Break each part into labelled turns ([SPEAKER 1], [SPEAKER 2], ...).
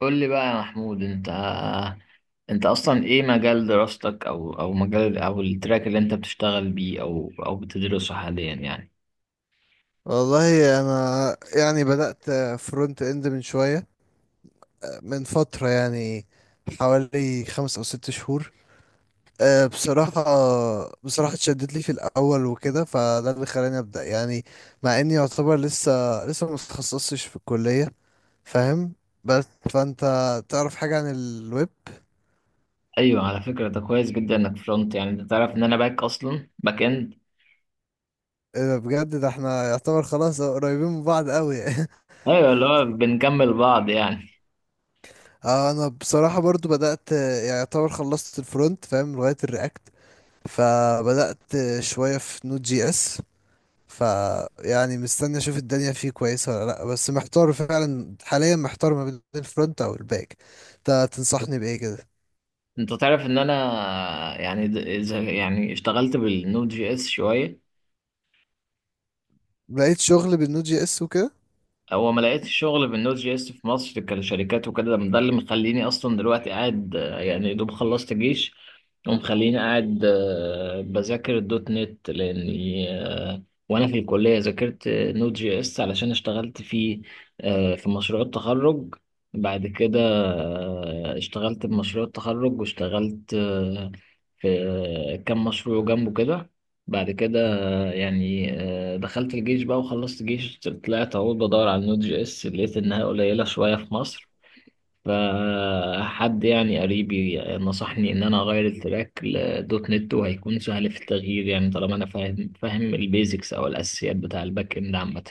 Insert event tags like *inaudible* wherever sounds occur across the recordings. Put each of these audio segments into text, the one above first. [SPEAKER 1] قول لي بقى يا محمود، انت اصلا ايه مجال دراستك او مجال او التراك اللي انت بتشتغل بيه او بتدرسه حاليا يعني؟
[SPEAKER 2] والله انا يعني بدأت فرونت اند من فترة يعني حوالي 5 او 6 شهور. أه، بصراحة بصراحة اتشدت لي في الاول وكده، فده اللي خلاني ابدأ يعني. مع اني يعتبر لسه ما اتخصصتش في الكلية، فاهم؟ بس فانت تعرف حاجة عن الويب؟
[SPEAKER 1] ايوه، على فكره ده كويس جدا انك فرونت، يعني انت تعرف ان انا باك، اصلا باك اند.
[SPEAKER 2] إيه ده بجد، ده احنا يعتبر خلاص قريبين من بعض قوي *laughs*
[SPEAKER 1] ايوه، اللي هو بنكمل بعض يعني.
[SPEAKER 2] اه، انا بصراحة برضو بدأت، يعني يعتبر خلصت الفرونت، فاهم، لغاية الرياكت، فبدأت شوية في نود جي اس. فيعني مستني اشوف الدنيا فيه كويسة ولا لا. بس محتار فعلا حاليا، محتار ما بين الفرونت او الباك. انت تنصحني بايه كده؟
[SPEAKER 1] انت تعرف ان انا يعني اذا يعني اشتغلت بالنود جي اس شويه.
[SPEAKER 2] لقيت شغل بالنود جي اس وكده؟
[SPEAKER 1] هو ما لقيتش شغل بالنوت جي اس في مصر كشركات وكده، ده اللي مخليني اصلا دلوقتي قاعد، يعني يا دوب خلصت جيش. ومخليني قاعد بذاكر الدوت نت لاني. وانا في الكليه ذاكرت نوت جي اس علشان اشتغلت فيه في مشروع التخرج. بعد كده اشتغلت بمشروع التخرج، واشتغلت في كام مشروع جنبه كده. بعد كده يعني، دخلت الجيش بقى وخلصت جيش، طلعت اهو بدور على النود جي اس، لقيت انها قليلة شوية في مصر. فحد يعني قريبي نصحني ان انا اغير التراك لدوت نت، وهيكون سهل في التغيير يعني طالما انا فاهم البيزكس او الاساسيات بتاع الباك اند عامة.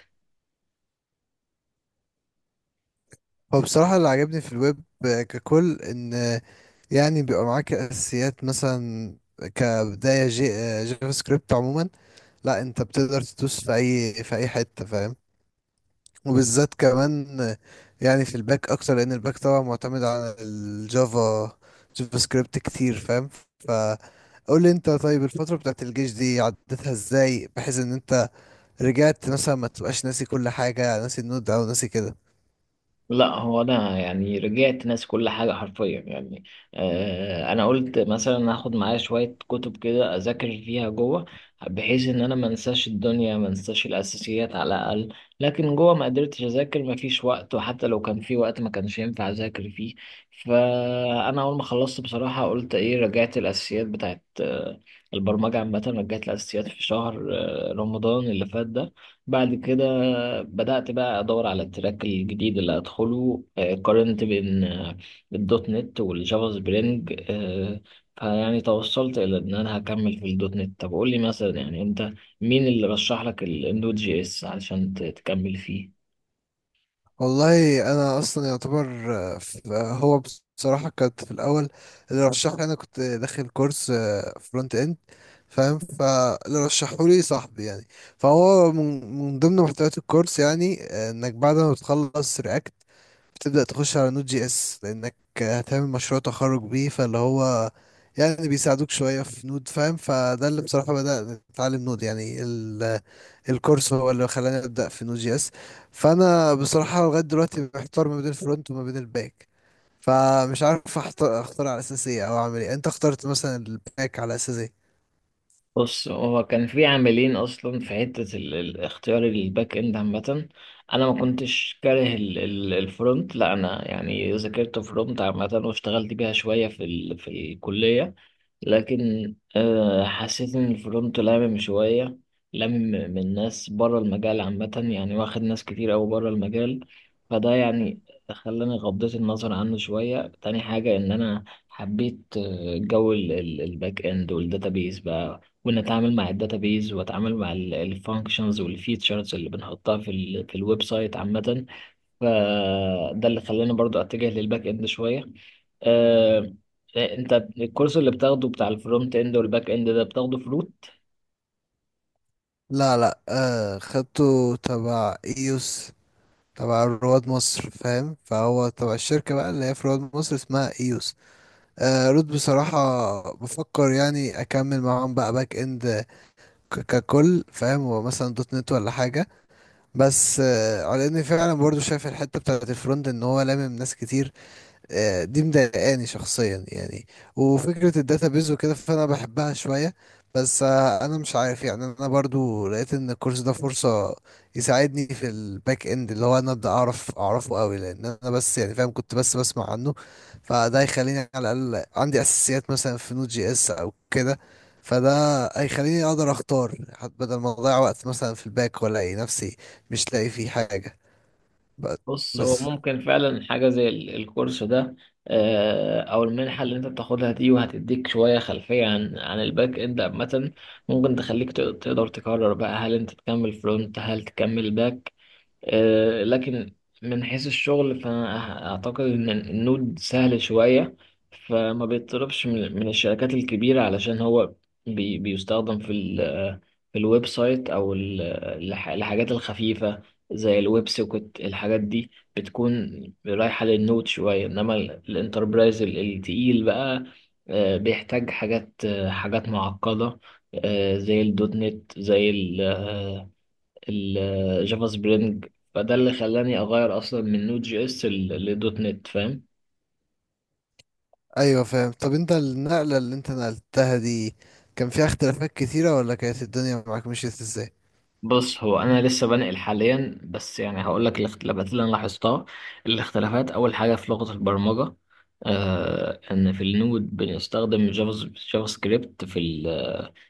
[SPEAKER 2] هو بصراحة اللي عجبني في الويب ككل ان يعني بيبقى معاك اساسيات، مثلا كبداية جافا سكريبت عموما، لا انت بتقدر تدوس في اي حتة، فاهم؟ وبالذات كمان يعني في الباك اكتر، لان الباك طبعا معتمد على جافا سكريبت كتير، فاهم؟ فقول لي انت، طيب الفترة بتاعت الجيش دي عدتها ازاي بحيث ان انت رجعت مثلا ما تبقاش ناسي كل حاجة، ناسي النود او ناسي كده؟
[SPEAKER 1] لا، هو انا يعني رجعت ناسي كل حاجه حرفيا يعني. انا قلت مثلا هاخد معايا شويه كتب كده اذاكر فيها جوه، بحيث ان انا ما انساش الدنيا، ما انساش الاساسيات على الاقل. لكن جوه ما قدرتش اذاكر، ما فيش وقت، وحتى لو كان في وقت ما كانش ينفع اذاكر فيه. فانا اول ما خلصت بصراحه قلت ايه، رجعت الاساسيات بتاعت البرمجه عامه، رجعت الاساسيات في شهر رمضان اللي فات ده. بعد كده بدأت بقى أدور على التراك الجديد اللي هدخله، قارنت بين الدوت نت والجافا سبرينج، فيعني توصلت إلى إن أنا هكمل في الدوت نت. طب قول لي مثلا يعني أنت مين اللي رشح لك النود جي إس علشان تكمل فيه؟
[SPEAKER 2] والله انا اصلا يعتبر هو بصراحة كانت في الاول، اللي رشح لي انا كنت داخل كورس فرونت اند، فاهم؟ فاللي رشحه لي صاحبي يعني. فهو من ضمن محتويات الكورس يعني، انك بعد ما بتخلص رياكت بتبدأ تخش على نوت جي اس، لانك هتعمل مشروع تخرج بيه. فاللي هو يعني بيساعدوك شوية في نود، فاهم، فده اللي بصراحة بدأت اتعلم نود يعني. الكورس هو اللي خلاني ابدأ في نود جي اس. فانا بصراحة لغاية دلوقتي محتار ما بين الفرونت وما بين الباك، فمش عارف اختار على اساس ايه، او اعمل ايه. انت اخترت مثلا الباك على اساس ايه؟
[SPEAKER 1] بص، هو كان في عاملين اصلا في حته اختيار الباك اند عامه. انا ما كنتش كاره الفرونت، لا، انا يعني ذاكرت فرونت عامه واشتغلت بيها شويه في الكليه. لكن حسيت إن الفرونت لامم شوية، لامم من ناس بره المجال عامة، يعني واخد ناس كتير أوي بره المجال. فده يعني خلاني غضيت النظر عنه شوية. تاني حاجة إن أنا حبيت جو الباك إند والداتابيز بقى، وإن أتعامل مع الداتابيز وأتعامل مع الفانكشنز والفيتشرز اللي بنحطها في الويب سايت عامة. فده اللي خلاني برضو اتجه للباك اند شويه. آه، انت الكورس اللي بتاخده بتاع الفرونت اند والباك اند ده بتاخده في روت؟
[SPEAKER 2] لا لا، خدته تبع ايوس، تبع رواد مصر، فاهم؟ فهو تبع الشركة بقى اللي هي في رواد مصر، اسمها ايوس. رود بصراحة، بفكر يعني اكمل معاهم بقى باك اند ككل، فاهم، ومثلا دوت نت ولا حاجة. بس على اني فعلا برضو شايف الحتة بتاعت الفرونت ان هو لامم ناس كتير، دي مضايقاني شخصيا يعني. وفكرة الداتابيز وكده فأنا بحبها شوية. بس أنا مش عارف يعني، أنا برضو لقيت إن الكورس ده فرصة يساعدني في الباك إند، اللي هو أنا أبدأ أعرفه أوي، لأن أنا بس يعني فاهم كنت بس بسمع عنه. فده هيخليني على الأقل عندي أساسيات مثلا في نوت جي إس أو كده، فده هيخليني أقدر أختار، حتى بدل ما أضيع وقت مثلا في الباك وألاقي نفسي مش لاقي فيه حاجة ب-
[SPEAKER 1] بص، هو
[SPEAKER 2] بس
[SPEAKER 1] ممكن فعلا حاجه زي الكورس ده، او المنحه اللي انت بتاخدها دي، وهتديك شويه خلفيه عن الباك اند عامه. ممكن تخليك تقدر تقرر بقى هل انت تكمل فرونت هل تكمل باك. لكن من حيث الشغل فأنا أعتقد إن النود سهل شوية، فما بيطلبش من الشركات الكبيرة، علشان هو بيستخدم في الويب سايت أو الحاجات الخفيفة زي الويب سوكت. الحاجات دي بتكون رايحة للنود شوية، إنما الانتربرايز التقيل بقى بيحتاج حاجات معقدة، زي الدوت نت زي الجافا سبرينج. فده اللي خلاني اغير اصلا من نود جي اس لدوت نت، فاهم.
[SPEAKER 2] ايوه فاهم. طب انت النقلة اللي انت نقلتها دي كان فيها اختلافات كتيرة، ولا كانت الدنيا معاك مشيت ازاي؟
[SPEAKER 1] بص، هو انا لسه بنقل حاليا، بس يعني هقول لك الاختلافات اللي انا لاحظتها. الاختلافات، اول حاجه في لغه البرمجه، ان في النود بنستخدم جافا سكريبت، في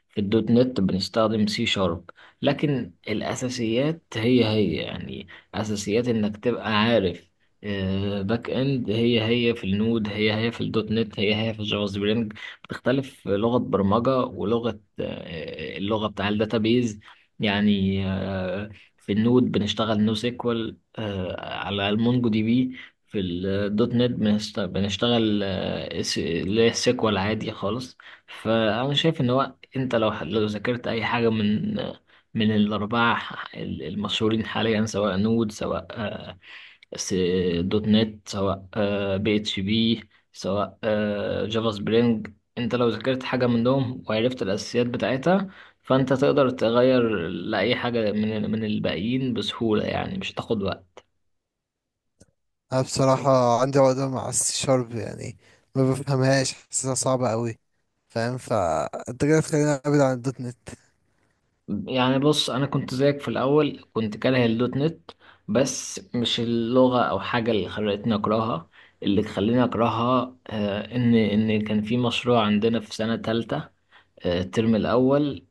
[SPEAKER 1] في الدوت نت بنستخدم سي شارب. لكن الأساسيات هي هي يعني، أساسيات إنك تبقى عارف باك إند. هي هي في النود، هي هي في الدوت نت، هي هي في الجافا سبرينج. بتختلف لغة برمجة ولغة، اللغة بتاع الداتابيز يعني. في النود بنشتغل نو سيكوال على المونجو دي بي، في الدوت نت بنشتغل اللي هي السيكوال عادي خالص. فأنا شايف إن هو، انت لو لو ذاكرت اي حاجه من من الاربعه المشهورين حاليا، سواء نود، سواء س- دوت نت، سواء بي اتش بي، سواء جافا سبرينج. انت لو ذاكرت حاجه منهم وعرفت الاساسيات بتاعتها، فانت تقدر تغير لاي حاجه من من الباقيين بسهوله يعني، مش هتاخد وقت.
[SPEAKER 2] انا بصراحة عندي عقدة مع السي شارب يعني، ما بفهمهاش، حاسسها صعبة قوي، فاهم؟ فانت كده تخليني ابعد عن الدوت نت.
[SPEAKER 1] يعني بص، انا كنت زيك في الاول كنت كاره الدوت نت، بس مش اللغه او حاجه اللي خلتني اكرهها. اللي خلاني اكرهها ان كان في مشروع عندنا في سنه تالتة، الترم الأول،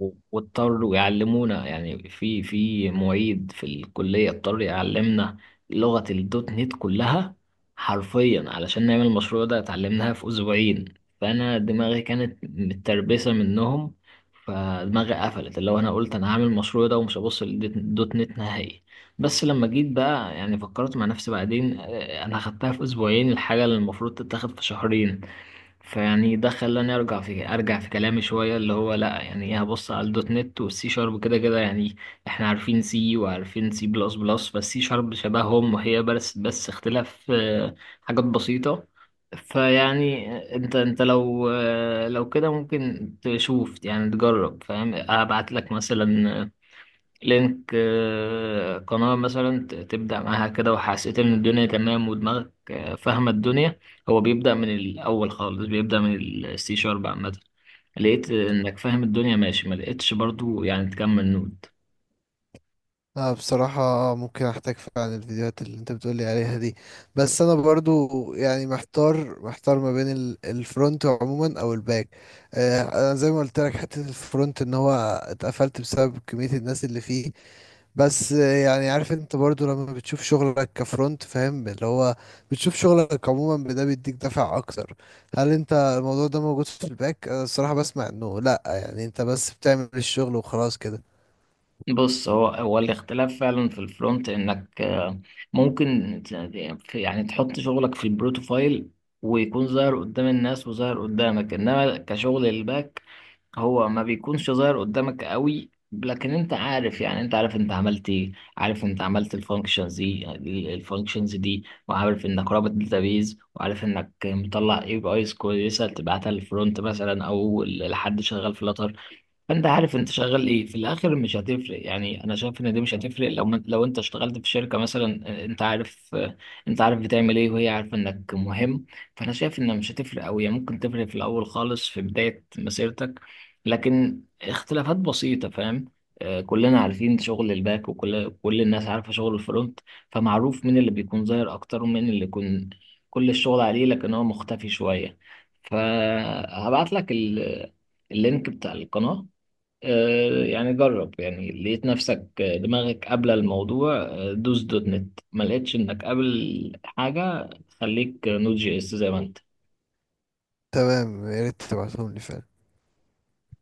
[SPEAKER 1] واضطروا يعلمونا يعني، في معيد في الكلية اضطر يعلمنا لغة الدوت نت كلها حرفيا علشان نعمل المشروع ده، اتعلمناها في أسبوعين. فأنا دماغي كانت متربسة منهم، فدماغي قفلت، اللي هو أنا قلت أنا هعمل المشروع ده ومش هبص للدوت نت نهائي. بس لما جيت بقى يعني فكرت مع نفسي بعدين، أنا خدتها في أسبوعين الحاجة اللي المفروض تتاخد في شهرين. فيعني ده خلاني ارجع في كلامي شويه، اللي هو لا يعني ايه، هبص على الدوت نت والسي شارب كده كده يعني، احنا عارفين سي وعارفين سي بلس بلس، فالسي شارب شبههم، وهي بس اختلاف حاجات بسيطه. فيعني انت لو لو كده ممكن تشوف، يعني تجرب، فاهم. ابعت لك مثلا لينك قناة مثلا تبدأ معاها كده، وحسيت إن الدنيا تمام ودماغك فاهمة الدنيا. هو بيبدأ من الأول خالص، بيبدأ من السي شارب عامة. لقيت إنك فاهم الدنيا ماشي، ما لقيتش برضو يعني تكمل نود.
[SPEAKER 2] انا بصراحة ممكن احتاج فعلا الفيديوهات اللي انت بتقولي عليها دي، بس انا برضو يعني محتار ما بين الفرونت عموما او الباك. انا زي ما قلت لك حتة الفرونت ان هو اتقفلت بسبب كمية الناس اللي فيه. بس يعني عارف، انت برضو لما بتشوف شغلك كفرونت، فاهم، اللي هو بتشوف شغلك عموما، ده بيديك دفع اكتر. هل انت الموضوع ده موجود في الباك؟ انا الصراحة بسمع انه لا، يعني انت بس بتعمل الشغل وخلاص كده.
[SPEAKER 1] بص، هو الاختلاف فعلا في الفرونت إنك ممكن يعني تحط شغلك في البروتوفايل، ويكون ظاهر قدام الناس وظاهر قدامك، إنما كشغل الباك، هو ما بيكونش ظاهر قدامك قوي. لكن انت عارف، يعني انت عارف انت عملت ايه، عارف انت عملت الفانكشنز دي، الفانكشنز دي، وعارف انك رابط داتابيز، وعارف انك مطلع اي بي ايز كويسه تبعتها للفرونت مثلا او لحد شغال في لاتر. فانت عارف انت شغال ايه في الاخر، مش هتفرق يعني. انا شايف ان دي مش هتفرق، لو لو انت اشتغلت في شركه مثلا انت عارف انت عارف بتعمل ايه، وهي عارفه انك مهم. فانا شايف انها مش هتفرق قوي، ممكن تفرق في الاول خالص في بدايه مسيرتك، لكن اختلافات بسيطه، فاهم. كلنا عارفين شغل الباك، وكل الناس عارفه شغل الفرونت. فمعروف مين اللي بيكون ظاهر اكتر، ومين اللي يكون كل الشغل عليه لكن هو مختفي شويه. فهبعت لك اللينك بتاع القناه. يعني جرب، يعني لقيت نفسك دماغك قابلة الموضوع دوس دوت نت. ما لقيتش انك قابل حاجة، خليك نوت جي اس زي ما انت
[SPEAKER 2] تمام، يا ريت تبعتهم لي فعلا.